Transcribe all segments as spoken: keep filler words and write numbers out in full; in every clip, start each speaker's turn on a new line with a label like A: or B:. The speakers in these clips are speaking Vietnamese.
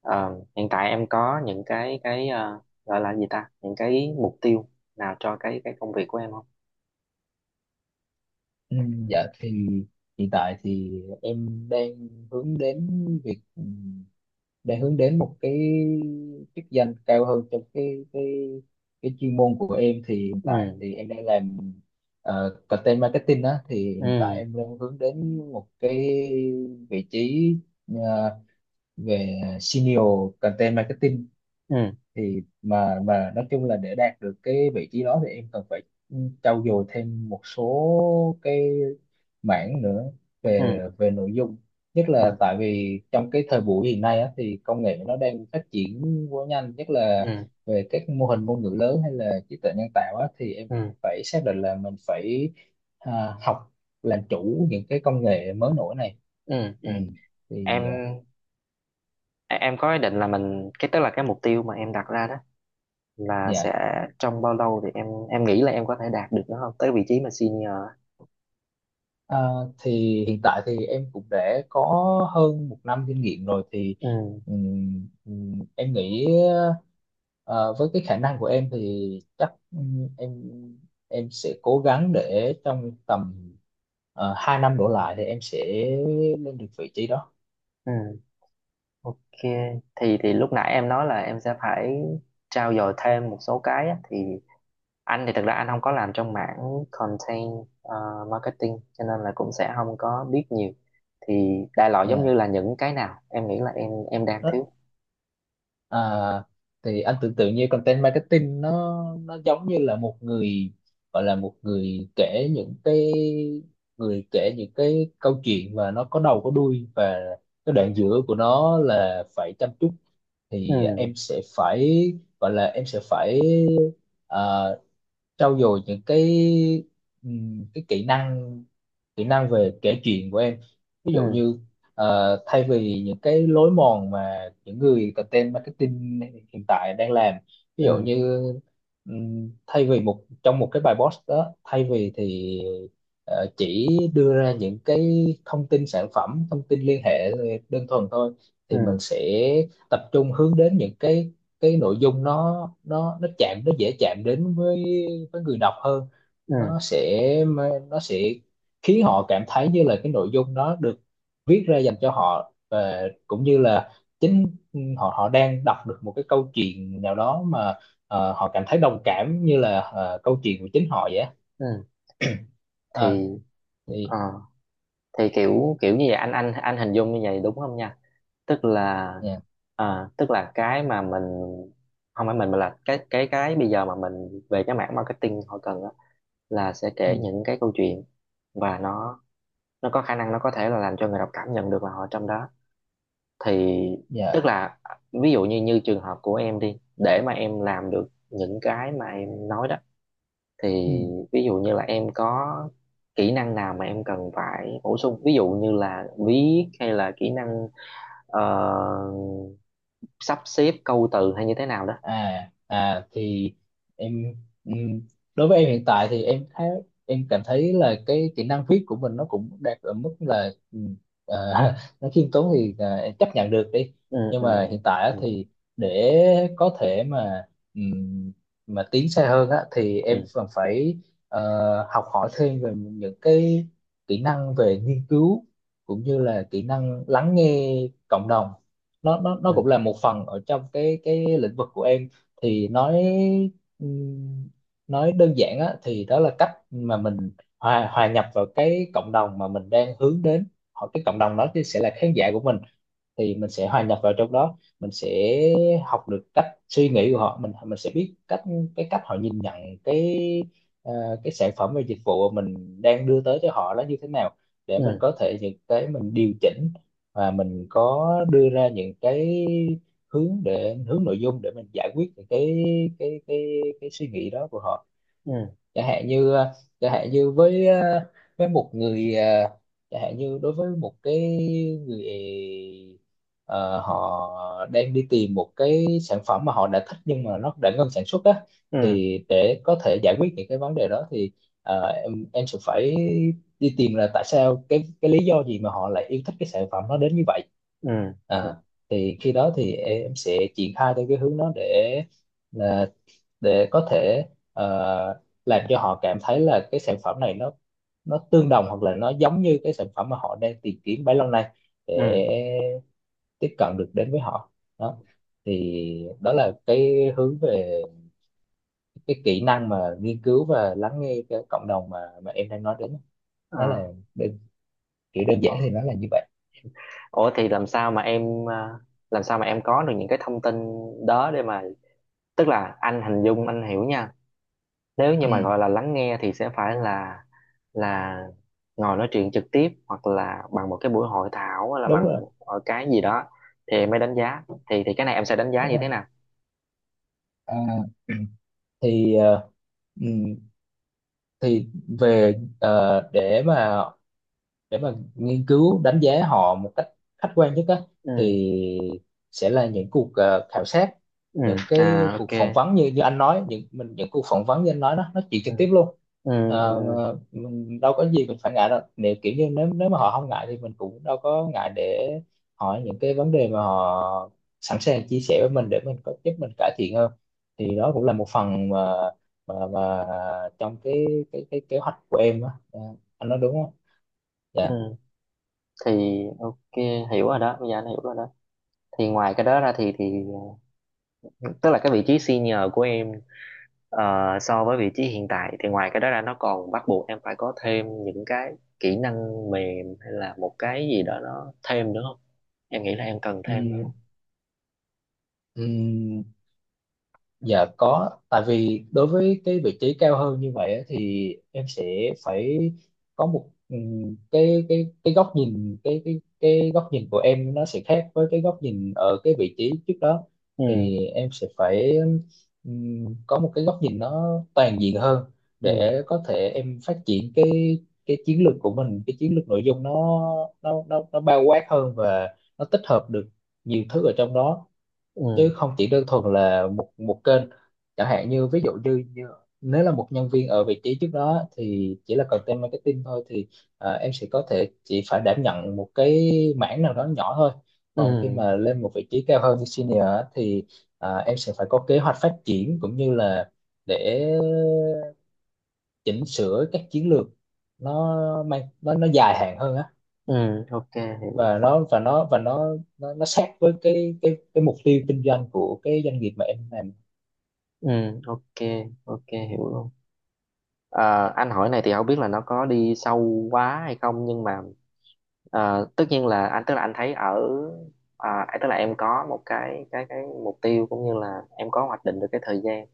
A: Ờ, Hiện tại em có những cái cái ờ, gọi là gì ta, những cái mục tiêu nào cho cái cái công việc của em không?
B: Ừ, dạ thì hiện tại thì em đang hướng đến việc ừ, đang hướng đến một cái chức danh cao hơn trong cái cái cái chuyên môn của em thì hiện tại
A: Ừ,
B: thì em đang làm ờ, content marketing đó, thì hiện tại
A: ừ,
B: em đang hướng đến một cái vị trí ờ, về senior content marketing.
A: ừ,
B: Thì mà mà nói chung là để đạt được cái vị trí đó thì em cần phải trau dồi thêm một số cái mảng nữa
A: ừ,
B: về về nội dung, nhất
A: ừ,
B: là tại vì trong cái thời buổi hiện nay á, thì công nghệ nó đang phát triển quá nhanh, nhất là
A: ừ,
B: về các mô hình ngôn ngữ lớn hay là trí tuệ nhân tạo á, thì em
A: ừ,
B: phải xác định là mình phải à, học, làm chủ những cái công nghệ mới nổi này.
A: ừ, ừ.
B: Ừ.
A: em
B: thì à,
A: em có ý định là mình cái tức là cái mục tiêu mà em đặt ra đó là sẽ
B: dạ.
A: trong bao lâu thì em em nghĩ là em có thể đạt được nó không tới vị trí mà senior á.
B: À, thì hiện tại thì em cũng đã có hơn một năm kinh nghiệm rồi, thì
A: Ừ,
B: ừm, ừm, em nghĩ ờ, với cái khả năng của em thì chắc ừm, em em sẽ cố gắng để trong tầm uh, hai năm đổ lại thì em sẽ lên được vị trí đó.
A: ừ, ok. Thì thì lúc nãy em nói là em sẽ phải trau dồi thêm một số cái á, thì anh thì thật ra anh không có làm trong mảng content ờ, marketing, cho nên là cũng sẽ không có biết nhiều, thì đại loại giống
B: Yeah.
A: như là những cái nào em nghĩ là em em đang thiếu.
B: À, thì anh tưởng tượng như content marketing nó nó giống như là một người, gọi là một người kể những cái người kể những cái câu chuyện, và nó có đầu có đuôi và cái đoạn giữa của nó là phải chăm chút.
A: Ừ,
B: Thì em sẽ phải, gọi là em sẽ phải à, trau dồi những cái ừm, cái kỹ năng, kỹ năng về kể chuyện của em. Ví dụ
A: ừ,
B: như ờ, thay vì những cái lối mòn mà những người content marketing hiện tại đang làm. Ví
A: ừ,
B: dụ như ừm, thay vì một trong một cái bài post đó, thay vì thì ờ, chỉ đưa ra những cái thông tin sản phẩm, thông tin liên hệ ờ, đơn thuần thôi, thì
A: ừ,
B: mình sẽ tập trung hướng đến những cái cái nội dung nó nó nó chạm, nó dễ chạm đến với với người đọc hơn.
A: ừ,
B: nó sẽ nó sẽ khiến họ cảm thấy như là cái nội dung đó được viết ra dành cho họ, và cũng như là chính họ họ đang đọc được một cái câu chuyện nào đó mà ờ, họ cảm thấy đồng cảm như là ờ, câu chuyện của chính họ vậy á.
A: ừ.
B: À
A: thì ờ,
B: thì
A: thì kiểu kiểu như vậy, anh anh anh hình dung như vậy đúng không nha, tức là
B: dạ.
A: ờ, tức là cái mà mình không phải mình mà là cái cái cái bây giờ mà mình về cái mảng marketing họ cần á, là sẽ
B: Ừ,
A: kể những cái câu chuyện và nó nó có khả năng nó có thể là làm cho người đọc cảm nhận được là họ trong đó. Thì
B: dạ.
A: tức là ví dụ như như trường hợp của em đi, để mà em làm được những cái mà em nói đó,
B: Ừ.
A: thì ví dụ như là em có kỹ năng nào mà em cần phải bổ sung, ví dụ như là viết hay là kỹ năng ờ, sắp xếp câu từ hay như thế nào đó.
B: à à thì em ừm, đối với em hiện tại thì em thấy, em cảm thấy là cái kỹ năng viết của mình nó cũng đạt ở mức là ừm, ờ, nó khiêm tốn thì ờ, em chấp nhận được đi.
A: Ừ,
B: Nhưng
A: ừ,
B: mà hiện tại á
A: ừ,
B: thì để có thể mà ừm, mà tiến xa hơn á thì
A: ừ,
B: em còn phải ờ, học hỏi thêm về những cái kỹ năng về nghiên cứu, cũng như là kỹ năng lắng nghe cộng đồng. Nó nó nó cũng là một phần ở trong cái cái lĩnh vực của em. Thì nói ừm, nói đơn giản á, thì đó là cách mà mình hòa hòa nhập vào cái cộng đồng mà mình đang hướng đến. Họ, cái cộng đồng đó thì sẽ là khán giả của mình, thì mình sẽ hòa nhập vào trong đó, mình sẽ học được cách suy nghĩ của họ, mình mình sẽ biết cách, cái cách họ nhìn nhận cái ờ, cái sản phẩm và dịch vụ mà mình đang đưa tới cho họ là như thế nào, để mình
A: ừ,
B: có thể những cái mình điều chỉnh, và mình có đưa ra những cái hướng để hướng nội dung để mình giải quyết những cái cái cái cái suy nghĩ đó của họ.
A: ừ,
B: Chẳng hạn như ờ, chẳng hạn như với ờ, với một người ờ, chẳng hạn như đối với một cái người ờ, họ đang đi tìm một cái sản phẩm mà họ đã thích nhưng mà nó đã ngưng sản xuất á,
A: ừ, ừ,
B: thì để có thể giải quyết những cái vấn đề đó thì ờ, em em sẽ phải đi tìm là tại sao, cái cái lý do gì mà họ lại yêu thích cái sản phẩm nó đến như vậy.
A: ừ, ừ,
B: À, thì khi đó thì em sẽ triển khai theo cái hướng đó để là để có thể ờ, làm cho họ cảm thấy là cái sản phẩm này nó nó tương đồng hoặc là nó giống như cái sản phẩm mà họ đang tìm kiếm bấy lâu nay, để
A: ừ. Ừ.
B: tiếp cận được đến với họ. Đó, thì đó là cái hướng về cái kỹ năng mà nghiên cứu và lắng nghe cái cộng đồng mà mà em đang nói đến. Nó là
A: À,
B: đơn, kiểu đơn giản thì nó là như vậy.
A: Ủa thì làm sao mà em à, làm sao mà em có được những cái thông tin đó để mà, tức là anh hình dung anh hiểu nha, nếu như mà
B: Ừ,
A: gọi là lắng nghe thì sẽ phải là là ngồi nói chuyện trực tiếp hoặc là bằng một cái buổi hội thảo hay là
B: đúng
A: bằng
B: rồi,
A: ở cái gì đó thì em mới đánh giá. Thì thì cái này em sẽ đánh giá
B: đúng
A: như
B: rồi.
A: thế nào?
B: À, thì ờ, ừ, thì về ờ, để mà để mà nghiên cứu đánh giá họ một cách khách quan nhất á,
A: Ừ,
B: thì sẽ là những cuộc ờ, khảo sát,
A: ừ,
B: những
A: à,
B: cái cuộc
A: ok,
B: phỏng vấn như như anh nói những mình những cuộc phỏng vấn như anh nói đó, nói chuyện
A: ừ,
B: trực tiếp luôn.
A: ừ, ừ,
B: Ờ, mình đâu có gì mình phải ngại đâu, nếu kiểu như nếu nếu mà họ không ngại thì mình cũng đâu có ngại để hỏi những cái vấn đề mà họ sẵn sàng chia sẻ với mình, để mình có giúp mình cải thiện hơn. Thì đó cũng là một phần mà mà mà trong cái cái cái kế hoạch của em á. Ờ, anh nói đúng không?
A: ừ.
B: Dạ.
A: Thì ok, hiểu rồi đó, bây giờ anh hiểu rồi đó. Thì ngoài cái đó ra thì thì tức là cái vị trí senior của em. Ờ, so với vị trí hiện tại thì ngoài cái đó ra nó còn bắt buộc em phải có thêm những cái kỹ năng mềm hay là một cái gì đó nó thêm nữa không? Em nghĩ là em cần
B: Ừ,
A: thêm nữa không?
B: ừ, dạ có, tại vì đối với cái vị trí cao hơn như vậy á, thì em sẽ phải có một ừ, cái cái cái góc nhìn, cái cái cái góc nhìn của em nó sẽ khác với cái góc nhìn ở cái vị trí trước đó.
A: Ừ,
B: Thì em sẽ phải ừ, có một cái góc nhìn nó toàn diện hơn,
A: ừ,
B: để có thể em phát triển cái cái chiến lược của mình, cái chiến lược nội dung nó nó nó nó bao quát hơn và nó tích hợp được nhiều thứ ở trong đó,
A: ừ,
B: chứ không chỉ đơn thuần là một một kênh. Chẳng hạn như ví dụ như, như nếu là một nhân viên ở vị trí trước đó thì chỉ là content marketing thôi, thì ờ, em sẽ có thể chỉ phải đảm nhận một cái mảng nào đó nhỏ thôi. Còn khi
A: ừ,
B: mà lên một vị trí cao hơn như senior á, thì ờ, em sẽ phải có kế hoạch phát triển, cũng như là để chỉnh sửa các chiến lược, nó mang nó nó dài hạn hơn á,
A: ừ, ok, hiểu.
B: và nó và nó và nó nó, nó sát với cái cái cái mục tiêu kinh doanh của cái doanh nghiệp mà em làm.
A: Ừ, ok, ok, hiểu luôn. Ờ, anh hỏi này thì không biết là nó có đi sâu quá hay không, nhưng mà ờ, tất nhiên là anh tức là anh thấy ở à, tức là em có một cái cái cái mục tiêu, cũng như là em có hoạch định được cái thời gian.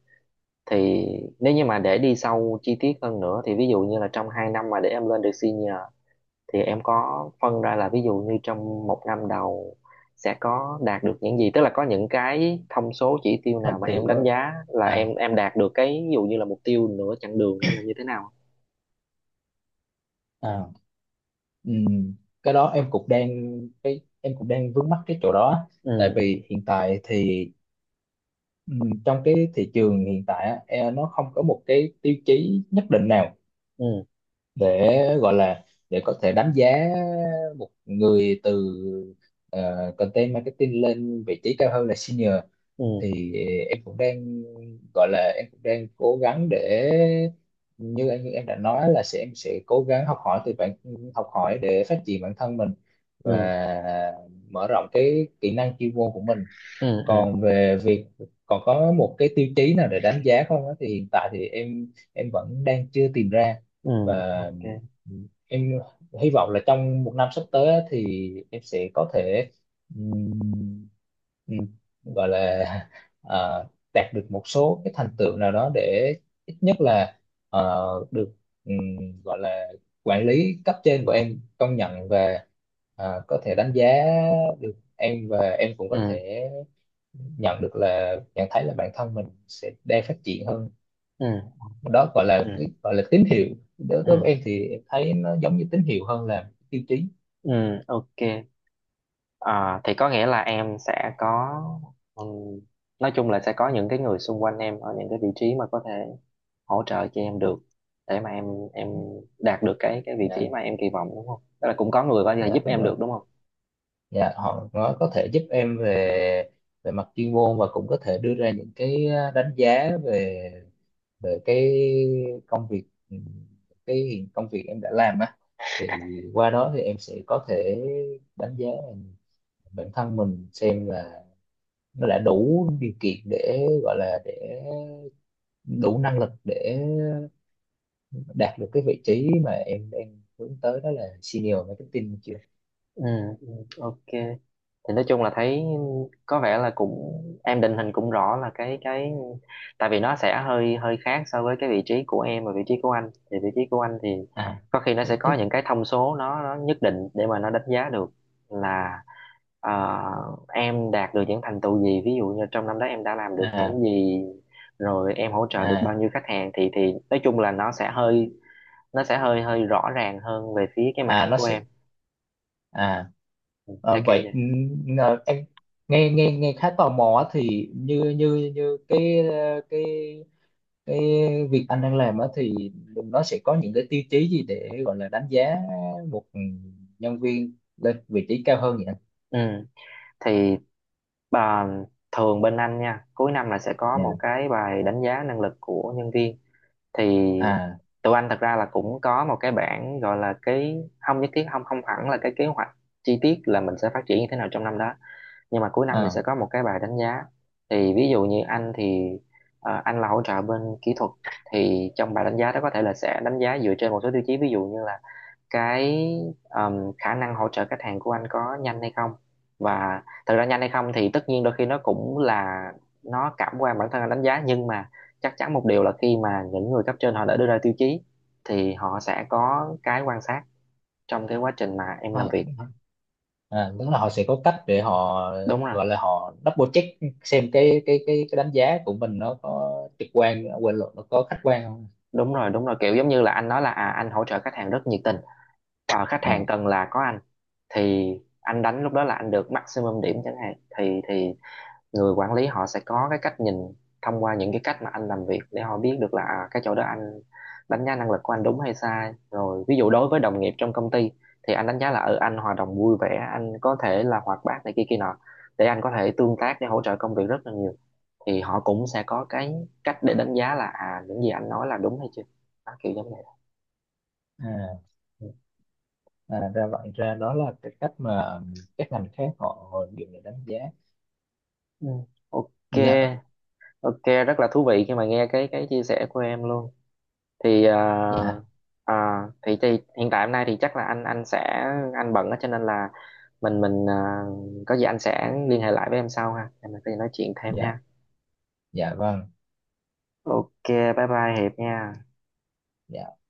A: Thì nếu như mà để đi sâu chi tiết hơn nữa, thì ví dụ như là trong hai năm mà để em lên được senior, thì em có phân ra là ví dụ như trong một năm đầu sẽ có đạt được những gì, tức là có những cái thông số chỉ tiêu
B: Thành
A: nào mà em
B: tựu á.
A: đánh giá là
B: à
A: em em đạt được cái ví dụ như là mục tiêu nửa chặng đường hay là như thế nào?
B: à ừm, cái đó em cũng đang, cái em cũng đang vướng mắc cái chỗ đó. Tại
A: Ừ,
B: vì hiện tại thì ừm, trong cái thị trường hiện tại á, e- nó không có một cái tiêu chí nhất định nào
A: ừ,
B: để gọi là để có thể đánh giá một người từ ờ, content marketing lên vị trí cao hơn là senior.
A: ừ,
B: Thì ờ, em cũng đang gọi là em cũng đang cố gắng để, như anh như em đã nói là sẽ em sẽ cố gắng học hỏi từ bản học hỏi để phát triển bản thân mình và
A: ừ,
B: mở rộng cái kỹ năng chuyên môn của mình.
A: ừ, ừ,
B: Còn về việc còn có một cái tiêu chí nào để đánh giá không á thì hiện tại thì em em vẫn đang chưa tìm ra.
A: ừ,
B: Và
A: ok,
B: em hy vọng là trong một năm sắp tới á thì em sẽ có thể ừm, ừm, gọi là ờ, đạt được một số cái thành tựu nào đó, để ít nhất là ờ, được ừm, gọi là quản lý cấp trên của em công nhận, và ờ, có thể đánh giá được em, và em cũng có
A: ừ,
B: thể nhận được là nhận thấy là bản thân mình sẽ đang phát triển hơn.
A: ừ,
B: Đó, gọi là
A: ừ,
B: cái gọi là tín hiệu. Đối với
A: ừ,
B: em thì em thấy nó giống như tín hiệu hơn là tiêu chí.
A: ừ, ok. À, thì có nghĩa là em sẽ có, ừm, nói chung là sẽ có những cái người xung quanh em ở những cái vị trí mà có thể hỗ trợ cho em được để mà em em đạt được cái cái vị
B: Dạ.
A: trí mà em kỳ vọng đúng không? Tức là cũng có người có thể
B: Dạ,
A: giúp
B: đúng
A: em
B: rồi.
A: được đúng không?
B: Dạ, họ nó có thể giúp em về về mặt chuyên môn, và cũng có thể đưa ra những cái à, đánh giá về về cái công việc, cái hiện- công việc em đã làm á, thì qua đó thì em sẽ có thể đánh giá bản thân mình xem là nó đã đủ điều kiện để gọi là để đủ năng lực để đạt được cái vị trí mà em đang hướng tới, đó là senior marketing chưa.
A: Ừ, ừ, ok. Thì nói chung là thấy có vẻ là cũng em định hình cũng rõ là cái cái tại vì nó sẽ hơi hơi khác so với cái vị trí của em, và vị trí của anh thì vị trí của anh thì
B: À
A: có khi nó
B: vị
A: sẽ
B: trí.
A: có những cái thông số, nó nó nhất định để mà nó đánh giá được là ờ, em đạt được những thành tựu gì, ví dụ như trong năm đó em đã làm được
B: À
A: những gì, rồi em hỗ trợ được bao
B: à,
A: nhiêu khách hàng, thì thì nói chung là nó sẽ hơi nó sẽ hơi hơi rõ ràng hơn về phía cái
B: à
A: mảng
B: nó
A: của
B: sẽ
A: em,
B: à, à
A: theo kiểu
B: vậy,
A: vậy.
B: ừ, ngờ- em nghe nghe nghe khá tò mò á, thì như như như cái ờ, cái cái việc anh đang làm á thì nó sẽ có những cái tiêu chí gì để gọi là đánh giá một nhân viên lên vị trí cao hơn vậy anh?
A: Ừ. Thì bà thường bên anh nha, cuối năm là sẽ có một
B: Dạ.
A: cái bài đánh giá năng lực của nhân viên. Thì
B: À
A: tụi anh thật ra là cũng có một cái bảng gọi là cái không nhất thiết, không không hẳn là cái kế hoạch chi tiết là mình sẽ phát triển như thế nào trong năm đó. Nhưng mà cuối năm thì sẽ
B: à
A: có một cái bài đánh giá. Thì ví dụ như anh thì ờ, anh là hỗ trợ bên kỹ thuật, thì trong bài đánh giá đó có thể là sẽ đánh giá dựa trên một số tiêu chí, ví dụ như là cái um, khả năng hỗ trợ khách hàng của anh có nhanh hay không. Và thật ra nhanh hay không thì tất nhiên đôi khi nó cũng là nó cảm quan bản thân anh đánh giá, nhưng mà chắc chắn một điều là khi mà những người cấp trên họ đã đưa ra tiêu chí thì họ sẽ có cái quan sát trong cái quá trình mà em
B: à,
A: làm việc.
B: à, đúng là họ sẽ có cách để họ,
A: Đúng rồi,
B: gọi là họ double check xem cái cái cái cái đánh giá của mình nó có, trực quan quên lộn nó có khách quan không.
A: đúng rồi, đúng rồi, kiểu giống như là anh nói là à, anh hỗ trợ khách hàng rất nhiệt tình. Ờ, khách hàng
B: À,
A: cần là có anh, thì anh đánh lúc đó là anh được maximum điểm chẳng hạn, thì thì người quản lý họ sẽ có cái cách nhìn thông qua những cái cách mà anh làm việc để họ biết được là à, cái chỗ đó anh đánh giá năng lực của anh đúng hay sai. Rồi ví dụ đối với đồng nghiệp trong công ty thì anh đánh giá là ở ừ, anh hoạt động vui vẻ, anh có thể là hoạt bát này kia kia nọ để anh có thể tương tác để hỗ trợ công việc rất là nhiều, thì họ cũng sẽ có cái cách để đánh giá là à những gì anh nói là đúng hay chưa. Đó, kiểu giống vậy.
B: à, à, ra vậy, ra đó là cái cách mà các ngành khác họ họ dùng để đánh giá.
A: Ừ. Ok,
B: Dạ.
A: ok, rất là thú vị khi mà nghe cái cái chia sẻ của em luôn. thì ờ,
B: dạ
A: ờ, thì thì hiện tại hôm nay thì chắc là anh anh sẽ anh bận á, cho nên là mình mình ờ, có gì anh sẽ liên hệ lại với em sau ha, để mình có gì nói chuyện thêm ha.
B: dạ dạ vâng.
A: Ok, bye bye Hiệp nha.
B: Dạ.